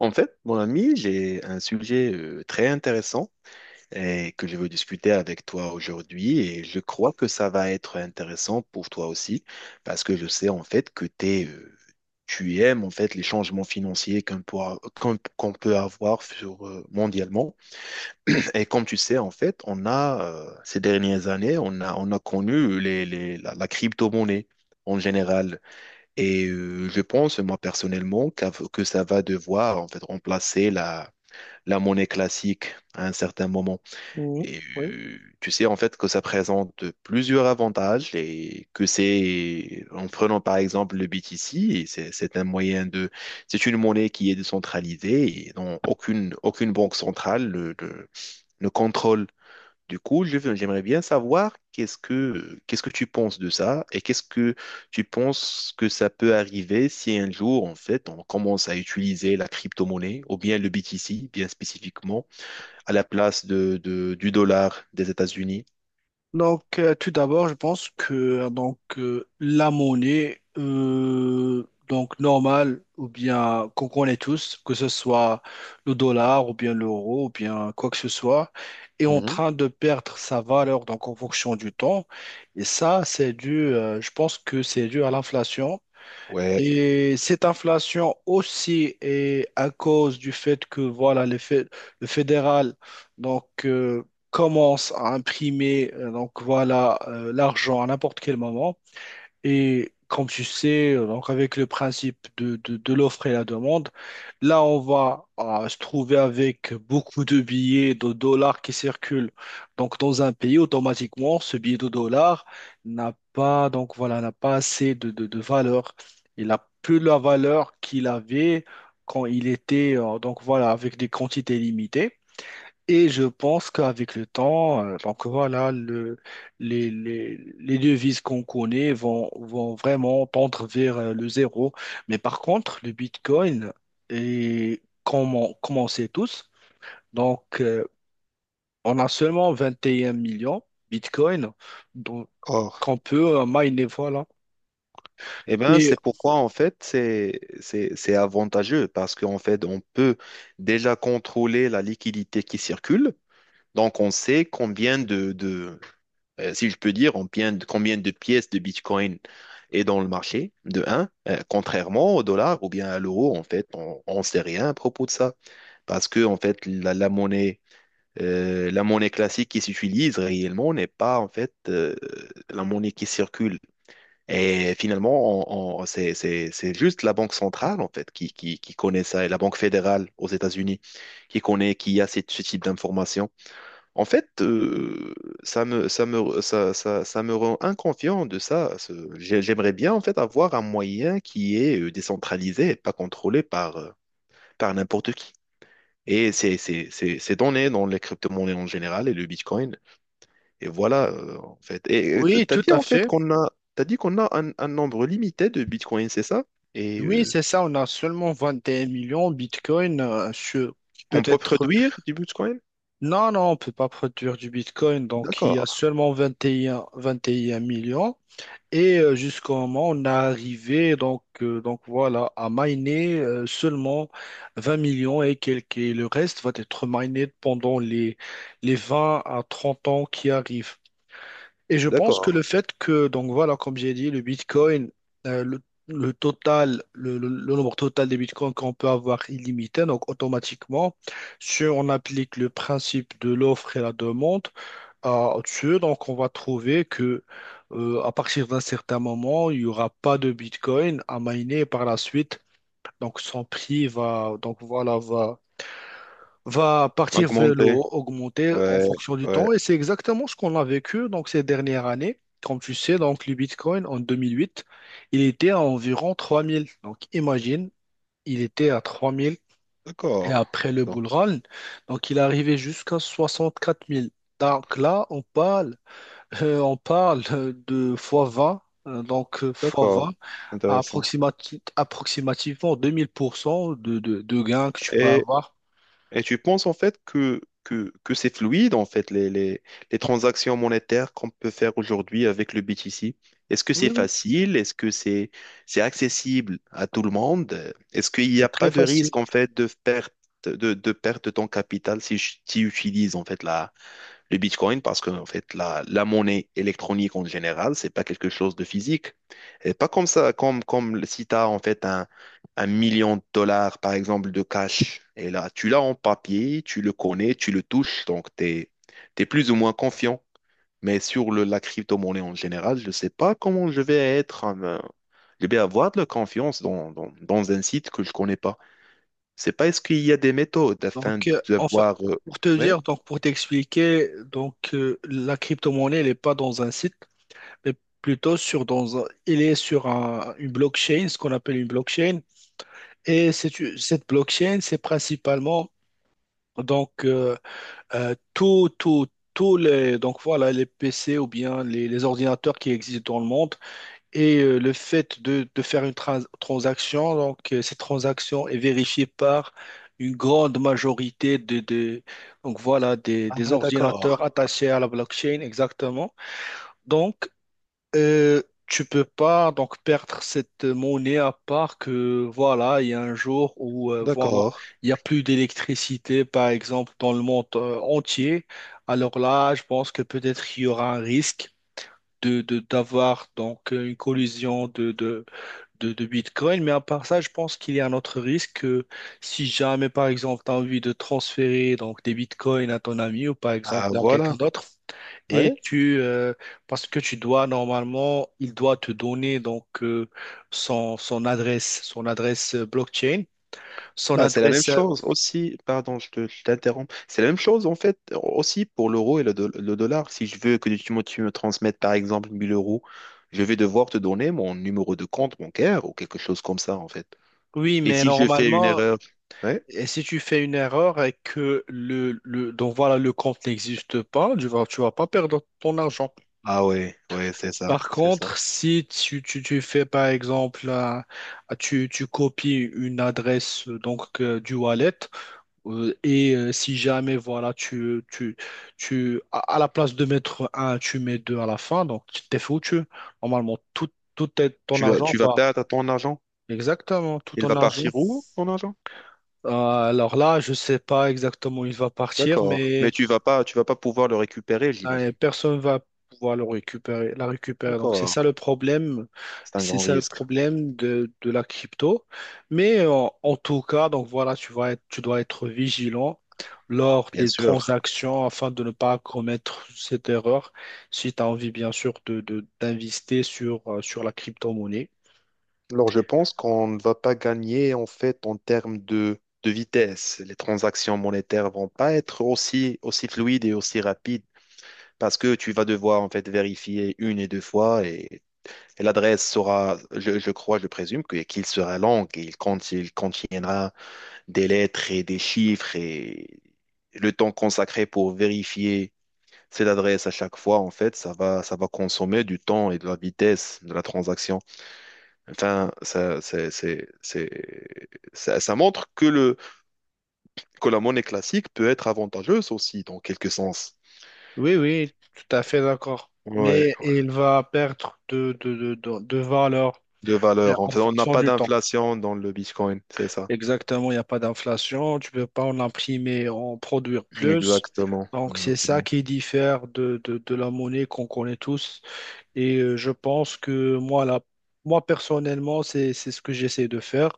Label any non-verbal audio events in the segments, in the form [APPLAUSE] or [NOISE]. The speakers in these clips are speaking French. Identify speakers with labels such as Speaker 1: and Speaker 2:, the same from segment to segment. Speaker 1: En fait, mon ami, j'ai un sujet très intéressant et que je veux discuter avec toi aujourd'hui, et je crois que ça va être intéressant pour toi aussi parce que je sais en fait que tu aimes en fait les changements financiers qu'on peut avoir sur, mondialement. [CLEARS THROAT] Et comme tu sais en fait, on a ces dernières années, on a connu la crypto-monnaie. En général. Et je pense, moi personnellement, que ça va devoir en fait remplacer la monnaie classique à un certain moment.
Speaker 2: Oui,
Speaker 1: Et
Speaker 2: oui.
Speaker 1: tu sais en fait que ça présente plusieurs avantages et que c'est, en prenant par exemple le BTC, et c'est un moyen de, c'est une monnaie qui est décentralisée et dont aucune banque centrale ne contrôle. Du coup, j'aimerais bien savoir qu'est-ce que tu penses de ça, et qu'est-ce que tu penses que ça peut arriver si un jour, en fait, on commence à utiliser la crypto-monnaie ou bien le BTC, bien spécifiquement, à la place du dollar des États-Unis.
Speaker 2: Tout d'abord, je pense que la monnaie, donc normale ou bien qu'on connaît tous, que ce soit le dollar ou bien l'euro ou bien quoi que ce soit, est en
Speaker 1: Mhm.
Speaker 2: train de perdre sa valeur donc en fonction du temps. Et ça, c'est dû, je pense que c'est dû à l'inflation.
Speaker 1: Ouais.
Speaker 2: Et cette inflation aussi est à cause du fait que voilà, le fédéral donc, euh, commence à imprimer donc, voilà, l'argent à n'importe quel moment. Et comme tu sais, donc avec le principe de l'offre et la demande, là, on va se trouver avec beaucoup de billets de dollars qui circulent. Donc, dans un pays, automatiquement, ce billet de dollars n'a pas, donc voilà, n'a pas assez de valeur. Il n'a plus la valeur qu'il avait quand il était, donc voilà, avec des quantités limitées. Et je pense qu'avec le temps, donc voilà, les devises qu'on connaît vont vraiment tendre vers le zéro. Mais par contre, le Bitcoin, est, comme on sait tous, donc euh, on a seulement 21 millions Bitcoin donc,
Speaker 1: Or,
Speaker 2: qu'on peut miner, voilà.
Speaker 1: eh bien,
Speaker 2: Et
Speaker 1: c'est pourquoi, en fait, c'est avantageux parce qu'en fait, on peut déjà contrôler la liquidité qui circule. Donc, on sait combien de si je peux dire, combien de pièces de Bitcoin est dans le marché, de 1, contrairement au dollar ou bien à l'euro. En fait, on ne sait rien à propos de ça parce que, en fait, la monnaie classique qui s'utilise réellement n'est pas en fait la monnaie qui circule. Et finalement, c'est juste la banque centrale en fait qui connaît ça, et la banque fédérale aux États-Unis qui connaît, qui a ce type d'informations. En fait, ça me rend inconfiant de ça. J'aimerais bien en fait avoir un moyen qui est décentralisé et pas contrôlé par, par n'importe qui. Et ces données dans les crypto-monnaies en général et le Bitcoin et voilà, en fait. Et tu
Speaker 2: oui,
Speaker 1: as
Speaker 2: tout
Speaker 1: dit
Speaker 2: à
Speaker 1: en fait
Speaker 2: fait.
Speaker 1: qu'on a, t'as dit qu'on a un nombre limité de bitcoins, c'est ça? Et
Speaker 2: Oui, c'est ça, on a seulement 21 millions Bitcoin qui peut
Speaker 1: on peut
Speaker 2: être.
Speaker 1: produire du bitcoin?
Speaker 2: Non, non, on peut pas produire du Bitcoin. Donc, il y a
Speaker 1: D'accord,
Speaker 2: seulement vingt et un millions. Et jusqu'au moment, on a arrivé, donc voilà, à miner seulement 20 millions et quelques. Et le reste va être miné pendant les 20 à 30 ans qui arrivent. Et je pense que
Speaker 1: d'accord.
Speaker 2: le fait que, donc voilà, comme j'ai dit, le Bitcoin, euh, le, le total, le nombre total des Bitcoins qu'on peut avoir illimité, donc automatiquement, si on applique le principe de l'offre et la demande à dessus, donc on va trouver que à partir d'un certain moment, il n'y aura pas de Bitcoin à miner par la suite. Donc son prix va, donc voilà, va partir vers le
Speaker 1: Augmenter.
Speaker 2: haut, augmenter en
Speaker 1: Ouais,
Speaker 2: fonction du
Speaker 1: ouais,
Speaker 2: temps. Et c'est exactement ce qu'on a vécu donc, ces dernières années. Comme tu sais, donc, le Bitcoin en 2008, il était à environ 3000. Donc imagine, il était à 3000 et
Speaker 1: d'accord.
Speaker 2: après le
Speaker 1: Donc,
Speaker 2: bull run, donc il est arrivé jusqu'à 64 000. Donc là, on parle, de fois 20. Donc, fois
Speaker 1: d'accord,
Speaker 2: 20, à
Speaker 1: intéressant.
Speaker 2: approximativement 2000% de gains que tu peux
Speaker 1: Et
Speaker 2: avoir.
Speaker 1: Et tu penses en fait que c'est fluide en fait les transactions monétaires qu'on peut faire aujourd'hui avec le BTC? Est-ce que
Speaker 2: Oui,
Speaker 1: c'est
Speaker 2: oui.
Speaker 1: facile? Est-ce que c'est accessible à tout le monde? Est-ce qu'il n'y
Speaker 2: C'est
Speaker 1: a pas
Speaker 2: très
Speaker 1: de
Speaker 2: facile.
Speaker 1: risque en fait de perte de ton capital si tu utilises en fait le Bitcoin, parce que en fait, la monnaie électronique en général, c'est pas quelque chose de physique. Et pas comme ça, comme si tu as en fait 1 million de dollars, par exemple, de cash. Et là, tu l'as en papier, tu le connais, tu le touches, donc tu es plus ou moins confiant. Mais sur la crypto-monnaie en général, je ne sais pas comment je vais être, je vais avoir de la confiance dans un site que je connais pas. C'est pas, est-ce qu'il y a des méthodes afin
Speaker 2: Donc,
Speaker 1: de
Speaker 2: enfin,
Speaker 1: voir.
Speaker 2: pour te
Speaker 1: Ouais.
Speaker 2: dire, donc pour t'expliquer, la crypto-monnaie, elle n'est pas dans un site, mais plutôt elle est une blockchain, ce qu'on appelle une blockchain. Et cette blockchain, c'est principalement donc euh, euh, tout, tout, tous les donc voilà les PC ou bien les ordinateurs qui existent dans le monde. Et le fait de, faire une transaction, cette transaction est vérifiée par une grande majorité donc voilà, des
Speaker 1: Ah,
Speaker 2: ordinateurs
Speaker 1: d'accord,
Speaker 2: attachés à la blockchain, exactement. Donc, euh, tu peux pas donc perdre cette monnaie à part que voilà, il y a un jour où voilà,
Speaker 1: d'accord.
Speaker 2: il y a plus d'électricité, par exemple, dans le monde entier. Alors là, je pense que peut-être il y aura un risque d'avoir donc une collision de Bitcoin, mais à part ça, je pense qu'il y a un autre risque si jamais, par exemple, tu as envie de transférer donc, des Bitcoins à ton ami ou par
Speaker 1: Ah,
Speaker 2: exemple à quelqu'un
Speaker 1: voilà.
Speaker 2: d'autre,
Speaker 1: Ouais.
Speaker 2: et parce que tu dois normalement, il doit te donner son, son adresse blockchain, son
Speaker 1: Bah, c'est la même
Speaker 2: adresse,
Speaker 1: chose aussi. Pardon, je t'interromps. C'est la même chose, en fait, aussi pour l'euro et le, le dollar. Si je veux que tu me transmettes, par exemple, 1000 euros, je vais devoir te donner mon numéro de compte bancaire ou quelque chose comme ça, en fait.
Speaker 2: oui,
Speaker 1: Et
Speaker 2: mais
Speaker 1: si je fais une
Speaker 2: normalement.
Speaker 1: erreur, ouais.
Speaker 2: Et si tu fais une erreur et que le donc voilà le compte n'existe pas, tu vas pas perdre ton argent.
Speaker 1: Ah ouais, ouais, c'est ça,
Speaker 2: Par
Speaker 1: c'est ça.
Speaker 2: contre, si tu, tu, tu fais par exemple, tu copies une adresse du wallet, si jamais voilà tu à la place de mettre un, tu mets deux à la fin, donc tu t'es foutu. Normalement, ton argent
Speaker 1: Tu vas
Speaker 2: va
Speaker 1: perdre ton argent?
Speaker 2: exactement tout
Speaker 1: Il
Speaker 2: ton
Speaker 1: va
Speaker 2: argent.
Speaker 1: partir où, ton argent?
Speaker 2: Euh, alors là, je sais pas exactement où il va partir,
Speaker 1: D'accord. Mais
Speaker 2: mais
Speaker 1: tu vas pas pouvoir le récupérer,
Speaker 2: ouais,
Speaker 1: j'imagine.
Speaker 2: personne va pouvoir le récupérer, la récupérer. Donc, c'est
Speaker 1: D'accord.
Speaker 2: ça le problème.
Speaker 1: C'est un
Speaker 2: C'est
Speaker 1: grand
Speaker 2: ça le
Speaker 1: risque,
Speaker 2: problème de, la crypto. Mais en tout cas, donc voilà, tu dois être vigilant lors
Speaker 1: bien
Speaker 2: des
Speaker 1: sûr.
Speaker 2: transactions afin de ne pas commettre cette erreur si tu as envie, bien sûr, d'investir sur, sur la crypto-monnaie.
Speaker 1: Alors, je pense qu'on ne va pas gagner, en fait, en termes de vitesse. Les transactions monétaires vont pas être aussi fluides et aussi rapides parce que tu vas devoir, en fait, vérifier une et deux fois, et l'adresse sera, je crois, je présume que, qu'il sera longue et il, il contiendra des lettres et des chiffres, et le temps consacré pour vérifier cette adresse à chaque fois, en fait, ça va consommer du temps et de la vitesse de la transaction. Enfin, ça, c'est- ça montre que que la monnaie classique peut être avantageuse aussi, dans quelque sens.
Speaker 2: Oui, oui, tout à fait d'accord.
Speaker 1: Ouais,
Speaker 2: Mais il va perdre de valeur
Speaker 1: de valeur. En
Speaker 2: en
Speaker 1: fait, on n'a
Speaker 2: fonction
Speaker 1: pas
Speaker 2: du temps.
Speaker 1: d'inflation dans le Bitcoin, c'est ça.
Speaker 2: Exactement, il n'y a pas d'inflation, tu ne peux pas en imprimer, en produire plus.
Speaker 1: Exactement,
Speaker 2: Donc, c'est ça
Speaker 1: exactement.
Speaker 2: qui diffère de la monnaie qu'on connaît tous. Et je pense que moi, là, moi personnellement, c'est ce que j'essaie de faire.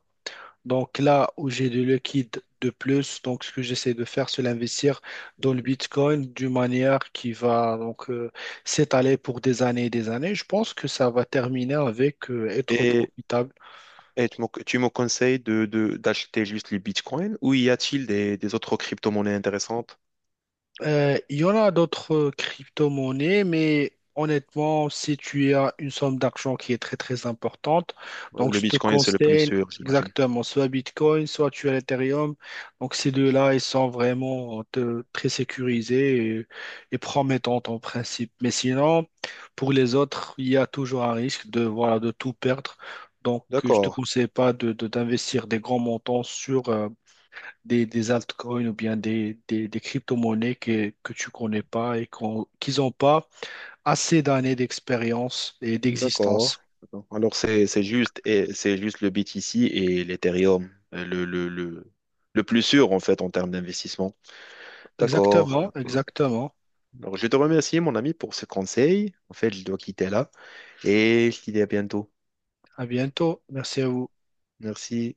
Speaker 2: Donc là où j'ai de liquide de plus, donc ce que j'essaie de faire, c'est l'investir dans le Bitcoin d'une manière qui va s'étaler pour des années et des années. Je pense que ça va terminer avec être
Speaker 1: Et
Speaker 2: profitable.
Speaker 1: Et tu me conseilles d'acheter juste le Bitcoin, ou y a-t-il des autres crypto-monnaies intéressantes?
Speaker 2: Il y en a d'autres crypto-monnaies, mais honnêtement, si tu as une somme d'argent qui est très très importante, donc
Speaker 1: Le
Speaker 2: je te
Speaker 1: Bitcoin, c'est le plus
Speaker 2: conseille
Speaker 1: sûr, j'imagine.
Speaker 2: exactement soit Bitcoin, soit tu as l'Ethereum. Donc ces deux-là, ils sont très sécurisés et promettants en principe. Mais sinon, pour les autres, il y a toujours un risque de, voilà, de tout perdre. Donc je te
Speaker 1: D'accord,
Speaker 2: conseille pas de, d'investir des grands montants sur, des altcoins ou bien des crypto-monnaies que tu connais pas et qu'ils n'ont pas assez d'années d'expérience et
Speaker 1: d'accord,
Speaker 2: d'existence.
Speaker 1: d'accord. Alors, c'est juste le BTC et l'Ethereum, le plus sûr, en fait, en termes d'investissement. D'accord,
Speaker 2: Exactement,
Speaker 1: d'accord.
Speaker 2: exactement.
Speaker 1: Alors, je te remercie, mon ami, pour ce conseil. En fait, je dois quitter là et je te dis à bientôt.
Speaker 2: À bientôt. Merci à vous.
Speaker 1: Merci.